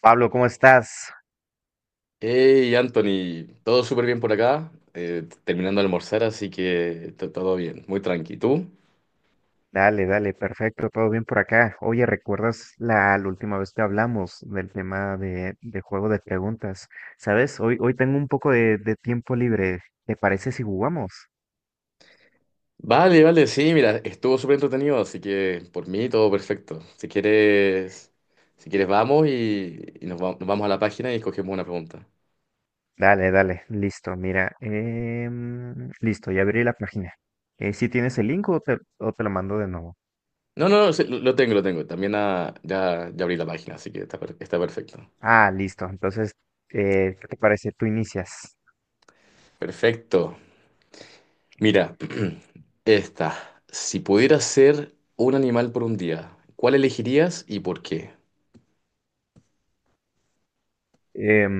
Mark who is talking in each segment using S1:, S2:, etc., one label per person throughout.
S1: Pablo, ¿cómo estás?
S2: Hey Anthony, todo súper bien por acá, terminando de almorzar, así que todo bien, muy tranqui. ¿Tú?
S1: Dale, dale, perfecto, todo bien por acá. Oye, ¿recuerdas la última vez que hablamos del tema de juego de preguntas? ¿Sabes? Hoy tengo un poco de tiempo libre. ¿Te parece si jugamos?
S2: Vale, vale, sí, mira, estuvo súper entretenido, así que por mí todo perfecto. Si quieres, vamos y nos vamos a la página y escogemos una pregunta.
S1: Dale, dale, listo, mira. Listo, ya abrí la página. ¿Si tienes el link o te lo mando de nuevo?
S2: No, no, no, sí, lo tengo, lo tengo. También ya, ya abrí la página, así que está, está perfecto.
S1: Ah, listo, entonces, ¿qué te parece? Tú inicias.
S2: Perfecto. Mira, esta. Si pudieras ser un animal por un día, ¿cuál elegirías y por qué?
S1: Em,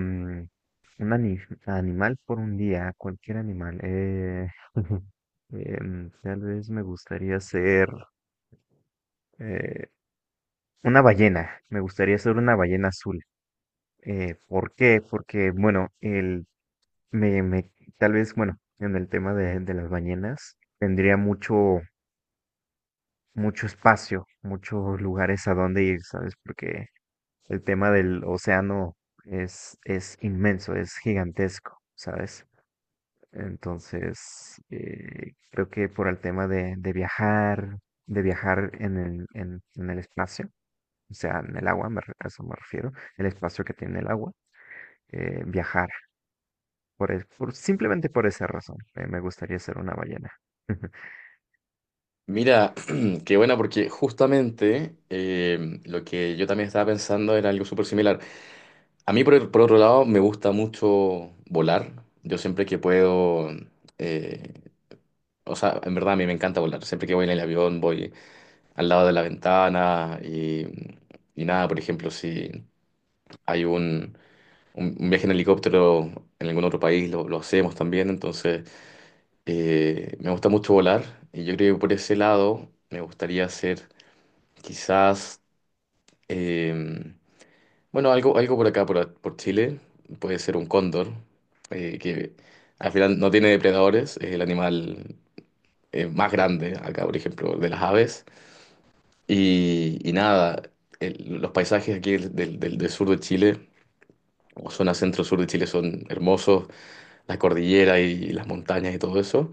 S1: un ani- Animal por un día, cualquier animal. Tal vez me gustaría ser eh, una ballena. Me gustaría ser una ballena azul. ¿Por qué? Porque, bueno, me, me- tal vez, bueno, en el tema de las ballenas, tendría mucho, mucho espacio, muchos lugares a donde ir, ¿sabes? Porque el tema del océano es inmenso, es gigantesco, ¿sabes? Entonces, creo que por el tema de viajar en el espacio, o sea, en el agua, a eso me refiero, el espacio que tiene el agua, viajar, simplemente por esa razón, me gustaría ser una ballena.
S2: Mira, qué buena, porque justamente lo que yo también estaba pensando era algo súper similar. A mí, por otro lado, me gusta mucho volar. Yo, siempre que puedo, eh, o sea, en verdad a mí me encanta volar. Siempre que voy en el avión, voy al lado de la ventana y nada, por ejemplo, si hay un viaje en helicóptero en algún otro país, lo hacemos también. Entonces, me gusta mucho volar y yo creo que por ese lado me gustaría hacer. Quizás. Eh, bueno, algo por acá, por Chile, puede ser un cóndor, que al final no tiene depredadores, es el animal, más grande acá, por ejemplo, de las aves. Y nada, los paisajes aquí del sur de Chile, o zona centro-sur de Chile, son hermosos, la cordillera, y, las montañas y todo eso.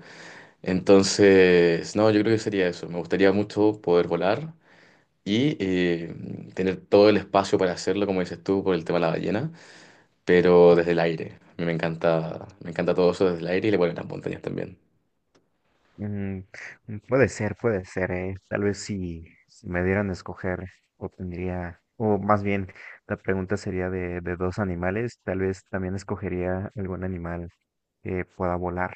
S2: Entonces, no, yo creo que sería eso. Me gustaría mucho poder volar. Y tener todo el espacio para hacerlo, como dices tú, por el tema de la ballena, pero desde el aire. A mí me encanta todo eso desde el aire y le vuelven las montañas también.
S1: Mm, mm, puede ser, eh. Tal vez si me dieran a escoger, obtendría, o más bien, la pregunta sería de dos animales, tal vez también escogería algún animal que pueda volar.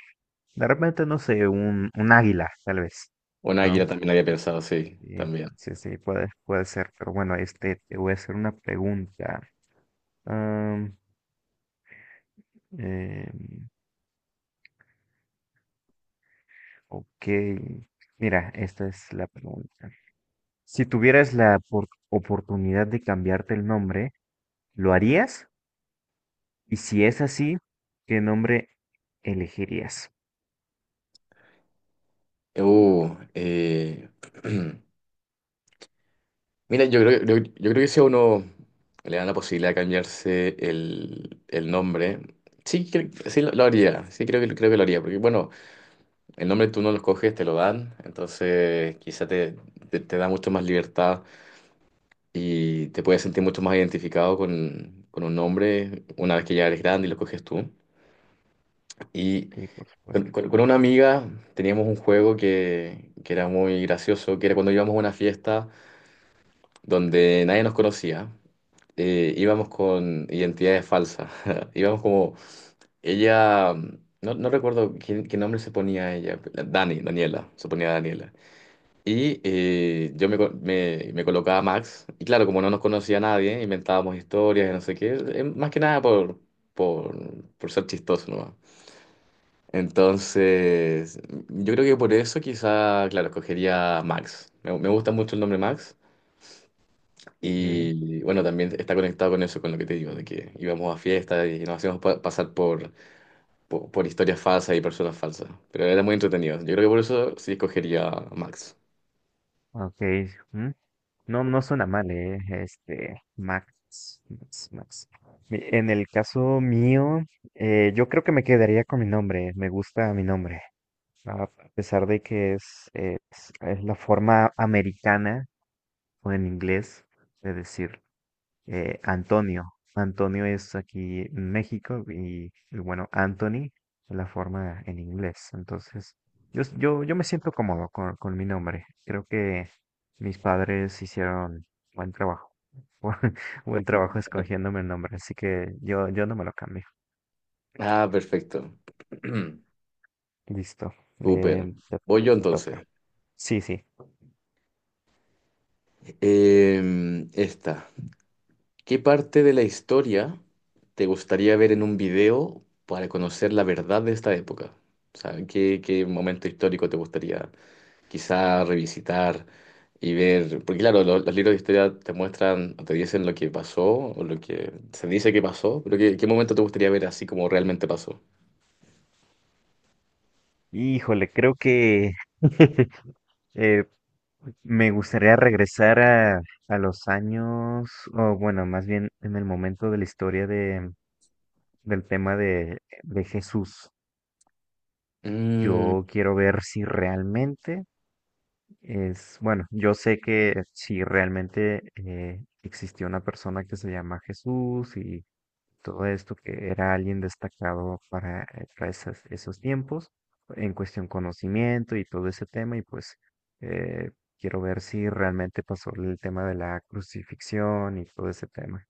S1: De repente, no sé, un águila, tal vez,
S2: Una
S1: ¿no?
S2: águila también había pensado, sí,
S1: Sí,
S2: también.
S1: sí, sí, puede, puede ser, pero bueno, este, te voy a hacer una pregunta. Am, em, ok, mira, esta es la pregunta. Si tuvieras la oportunidad de cambiarte el nombre, ¿lo harías? Y si es así, ¿qué nombre elegirías?
S2: Uh, eh, mira, yo creo que, si a uno le dan la posibilidad de cambiarse el nombre, sí, sí lo haría, sí creo que, lo haría, porque bueno, el nombre tú no lo escoges, te lo dan, entonces quizá te da mucho más libertad y te puedes sentir mucho más identificado con un nombre una vez que ya eres grande y lo coges tú. Y
S1: Sí, por
S2: con,
S1: supuesto.
S2: con- con una amiga teníamos un juego que era muy gracioso, que era cuando íbamos a una fiesta donde nadie nos conocía, íbamos con identidades falsas. Íbamos como, ella, no, no recuerdo qué nombre se ponía ella, Daniela, se ponía Daniela. Y yo me colocaba Max, y claro, como no nos conocía nadie, inventábamos historias y no sé qué, más que nada por, ser chistoso, ¿no? Entonces, yo creo que por eso quizá, claro, escogería Max. Me gusta mucho el nombre Max.
S1: Okay,
S2: Y bueno, también está conectado con eso, con lo que te digo, de que íbamos a fiestas y nos hacíamos pasar por historias falsas y personas falsas. Pero era muy entretenido. Yo creo que por eso sí escogería Max.
S1: ok, mm, no, no suena mal, eh. Este, Max, Max, Max. En el caso mío, yo creo que me quedaría con mi nombre. Me gusta mi nombre. A pesar de que es es la forma americana o en inglés de decir. Antonio. Antonio es aquí en México y bueno, Anthony es la forma en inglés. Entonces, yo me siento cómodo con mi nombre. Creo que mis padres hicieron buen trabajo. Buen, buen trabajo escogiéndome el nombre. Así que yo no me lo cambio.
S2: Ah, perfecto.
S1: Listo.
S2: Súper.
S1: Eh, te,
S2: Voy yo
S1: Te toca.
S2: entonces.
S1: Sí, sí.
S2: Esta. ¿Qué parte de la historia te gustaría ver en un video para conocer la verdad de esta época? O sea, ¿qué, momento histórico te gustaría quizá revisitar y ver? Porque claro, los libros de historia te muestran o te dicen lo que pasó o lo que se dice que pasó, pero ¿qué, momento te gustaría ver así como realmente pasó?
S1: Híjole, creo que Eh, me gustaría regresar a los años, o bueno, más bien en el momento de la historia de, del tema de Jesús.
S2: Mm,
S1: Yo quiero ver si realmente es, bueno, yo sé que si realmente existió una persona que se llama Jesús y todo esto, que era alguien destacado para esos tiempos, en cuestión conocimiento y todo ese tema, y pues eh, quiero ver si realmente pasó el tema de la crucifixión y todo ese tema.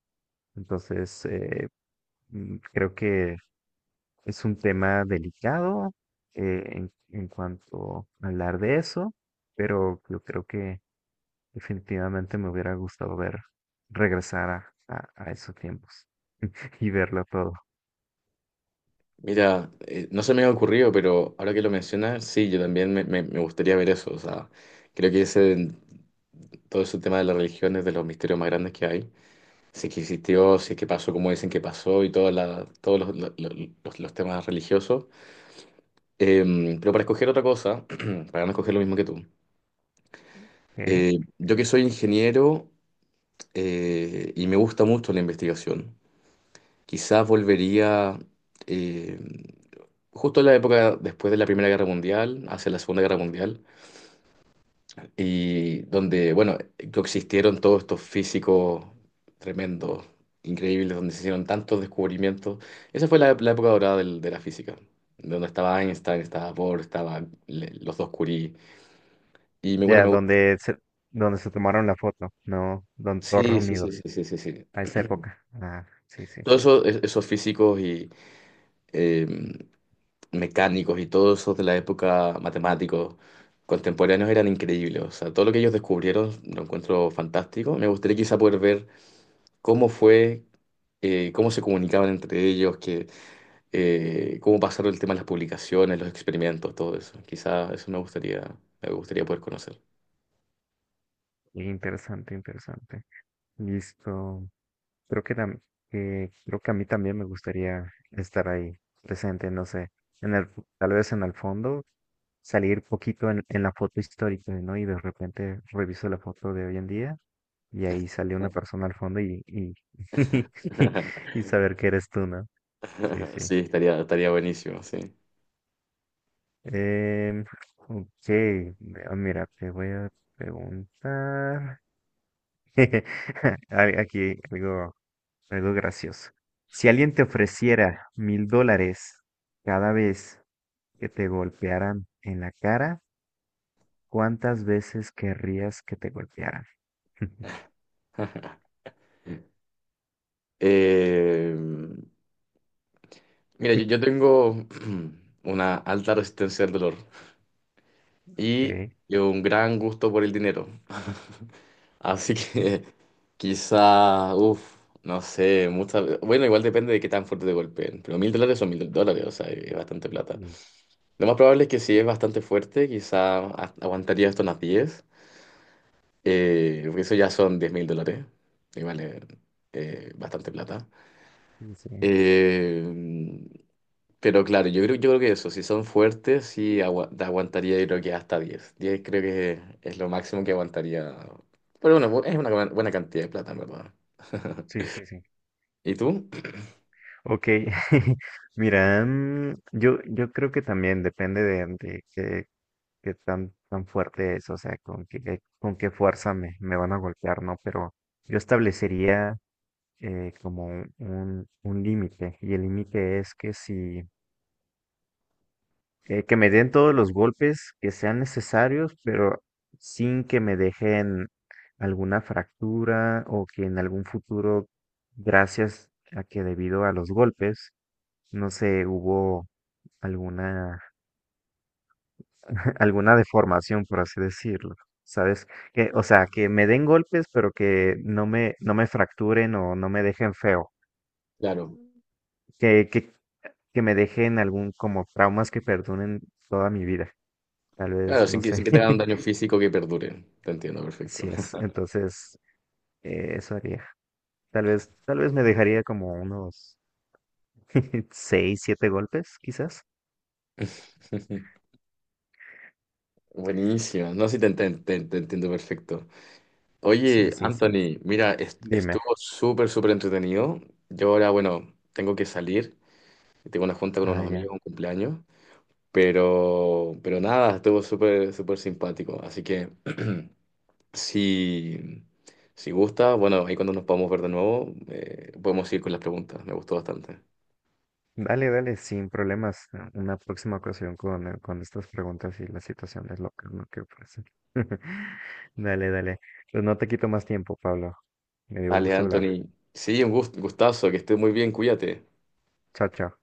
S1: Entonces, creo que es un tema delicado en cuanto a hablar de eso, pero yo creo que definitivamente me hubiera gustado ver, regresar a, a esos tiempos y verlo todo.
S2: mira, no se me ha ocurrido, pero ahora que lo mencionas, sí, yo también me gustaría ver eso. O sea, creo que ese, todo ese tema de las religiones, de los misterios más grandes que hay. Sí que existió, sí que pasó como dicen que pasó y toda todos los, lo- los temas religiosos. Eh, pero para escoger otra cosa, para no escoger lo mismo que tú,
S1: ¿Ok?
S2: yo que soy ingeniero, y me gusta mucho la investigación, quizás volvería, eh, justo en la época después de la Primera Guerra Mundial, hacia la Segunda Guerra Mundial, y donde, bueno, coexistieron todos estos físicos tremendos, increíbles, donde se hicieron tantos descubrimientos. Esa fue la época dorada de la física, donde estaba Einstein, estaba Bohr, estaban los dos Curie. Y bueno,
S1: Ya,
S2: me gusta.
S1: donde se tomaron la foto, ¿no? Donde todos
S2: Sí, sí, sí,
S1: reunidos,
S2: sí, sí, sí, sí.
S1: a esa época. Ah, sí, sí,
S2: Todos
S1: sí.
S2: esos físicos y, eh, mecánicos y todos esos de la época, matemáticos contemporáneos, eran increíbles. O sea, todo lo que ellos descubrieron lo encuentro fantástico. Me gustaría quizá poder ver cómo fue, cómo se comunicaban entre ellos, cómo pasaron el tema de las publicaciones, los experimentos, todo eso. Quizá eso me gustaría poder conocer.
S1: Interesante, interesante. Listo. Creo que, tam- que creo que a mí también me gustaría estar ahí presente, no sé, en el, tal vez en el fondo, salir poquito en la foto histórica, ¿no? Y de repente reviso la foto de hoy en día y ahí sale una persona al fondo y saber que eres tú, ¿no? Sí, sí.
S2: Sí, estaría buenísimo, sí.
S1: Em, ok, Mira, te voy a preguntar. Hay Aquí, digo algo gracioso. Si alguien te ofreciera $1,000 cada vez que te golpearan en la cara, ¿cuántas veces querrías que te golpearan?
S2: Eh, mira, yo tengo una alta resistencia al dolor y
S1: Sí,
S2: un gran gusto por el dinero. Así que quizá, uff, no sé, muchas. Bueno, igual depende de qué tan fuerte te golpeen, pero 1.000 dólares son 1.000 dólares, o sea, es bastante plata.
S1: sí,
S2: Lo más probable es que sí es bastante fuerte, quizá aguantaría esto unas 10, porque eso ya son 10.000 dólares, y vale, bastante plata.
S1: sí, sí.
S2: Eh, pero claro, yo creo que eso, si son fuertes, sí aguantaría, yo creo que hasta diez creo que es lo máximo que aguantaría. Pero bueno, es una buena buena cantidad de plata, en verdad.
S1: Sí, sí, sí.
S2: ¿Y tú?
S1: Ok, mira, mm, yo creo que también depende de qué, qué tan, tan fuerte es, o sea, con qué fuerza me, me van a golpear, ¿no? Pero yo establecería como límite. Y el límite es que si, que me den todos los golpes que sean necesarios, pero sin que me dejen alguna fractura o que en algún futuro, gracias a que debido a los golpes, no sé, hubo alguna, alguna deformación, por así decirlo. ¿Sabes? Que, o sea, que me den golpes, pero que no me fracturen o no me dejen feo.
S2: Claro,
S1: ¿Qué, que me dejen algún como traumas que perduren toda mi vida. Tal
S2: claro,
S1: vez, no
S2: sin que,
S1: sé.
S2: sin que te hagan un daño físico que perdure. Te entiendo perfecto.
S1: Así es. Entonces, eso haría. Tal vez me dejaría como unos 6, 7 golpes, quizás.
S2: Buenísimo, no, sí te entiendo perfecto.
S1: Sí,
S2: Oye,
S1: sí, sí.
S2: Anthony, mira,
S1: Dime.
S2: estuvo súper, súper entretenido. Yo ahora, bueno, tengo que salir. Tengo una junta con
S1: Ah,
S2: unos
S1: ya.
S2: amigos, un cumpleaños. Pero nada, estuvo súper, súper simpático. Así que, si, si gusta, bueno, ahí cuando nos podamos ver de nuevo, podemos ir con las preguntas. Me gustó bastante.
S1: Dale, dale, sin problemas. Ah, una próxima ocasión con estas preguntas y las situaciones locas, ¿no? Que ofrecen. Dale, dale. Pues no te quito más tiempo, Pablo. Me dio
S2: Dale,
S1: gusto hablar.
S2: Anthony. Sí, un gustazo, que estés muy bien, cuídate.
S1: Chao, chao.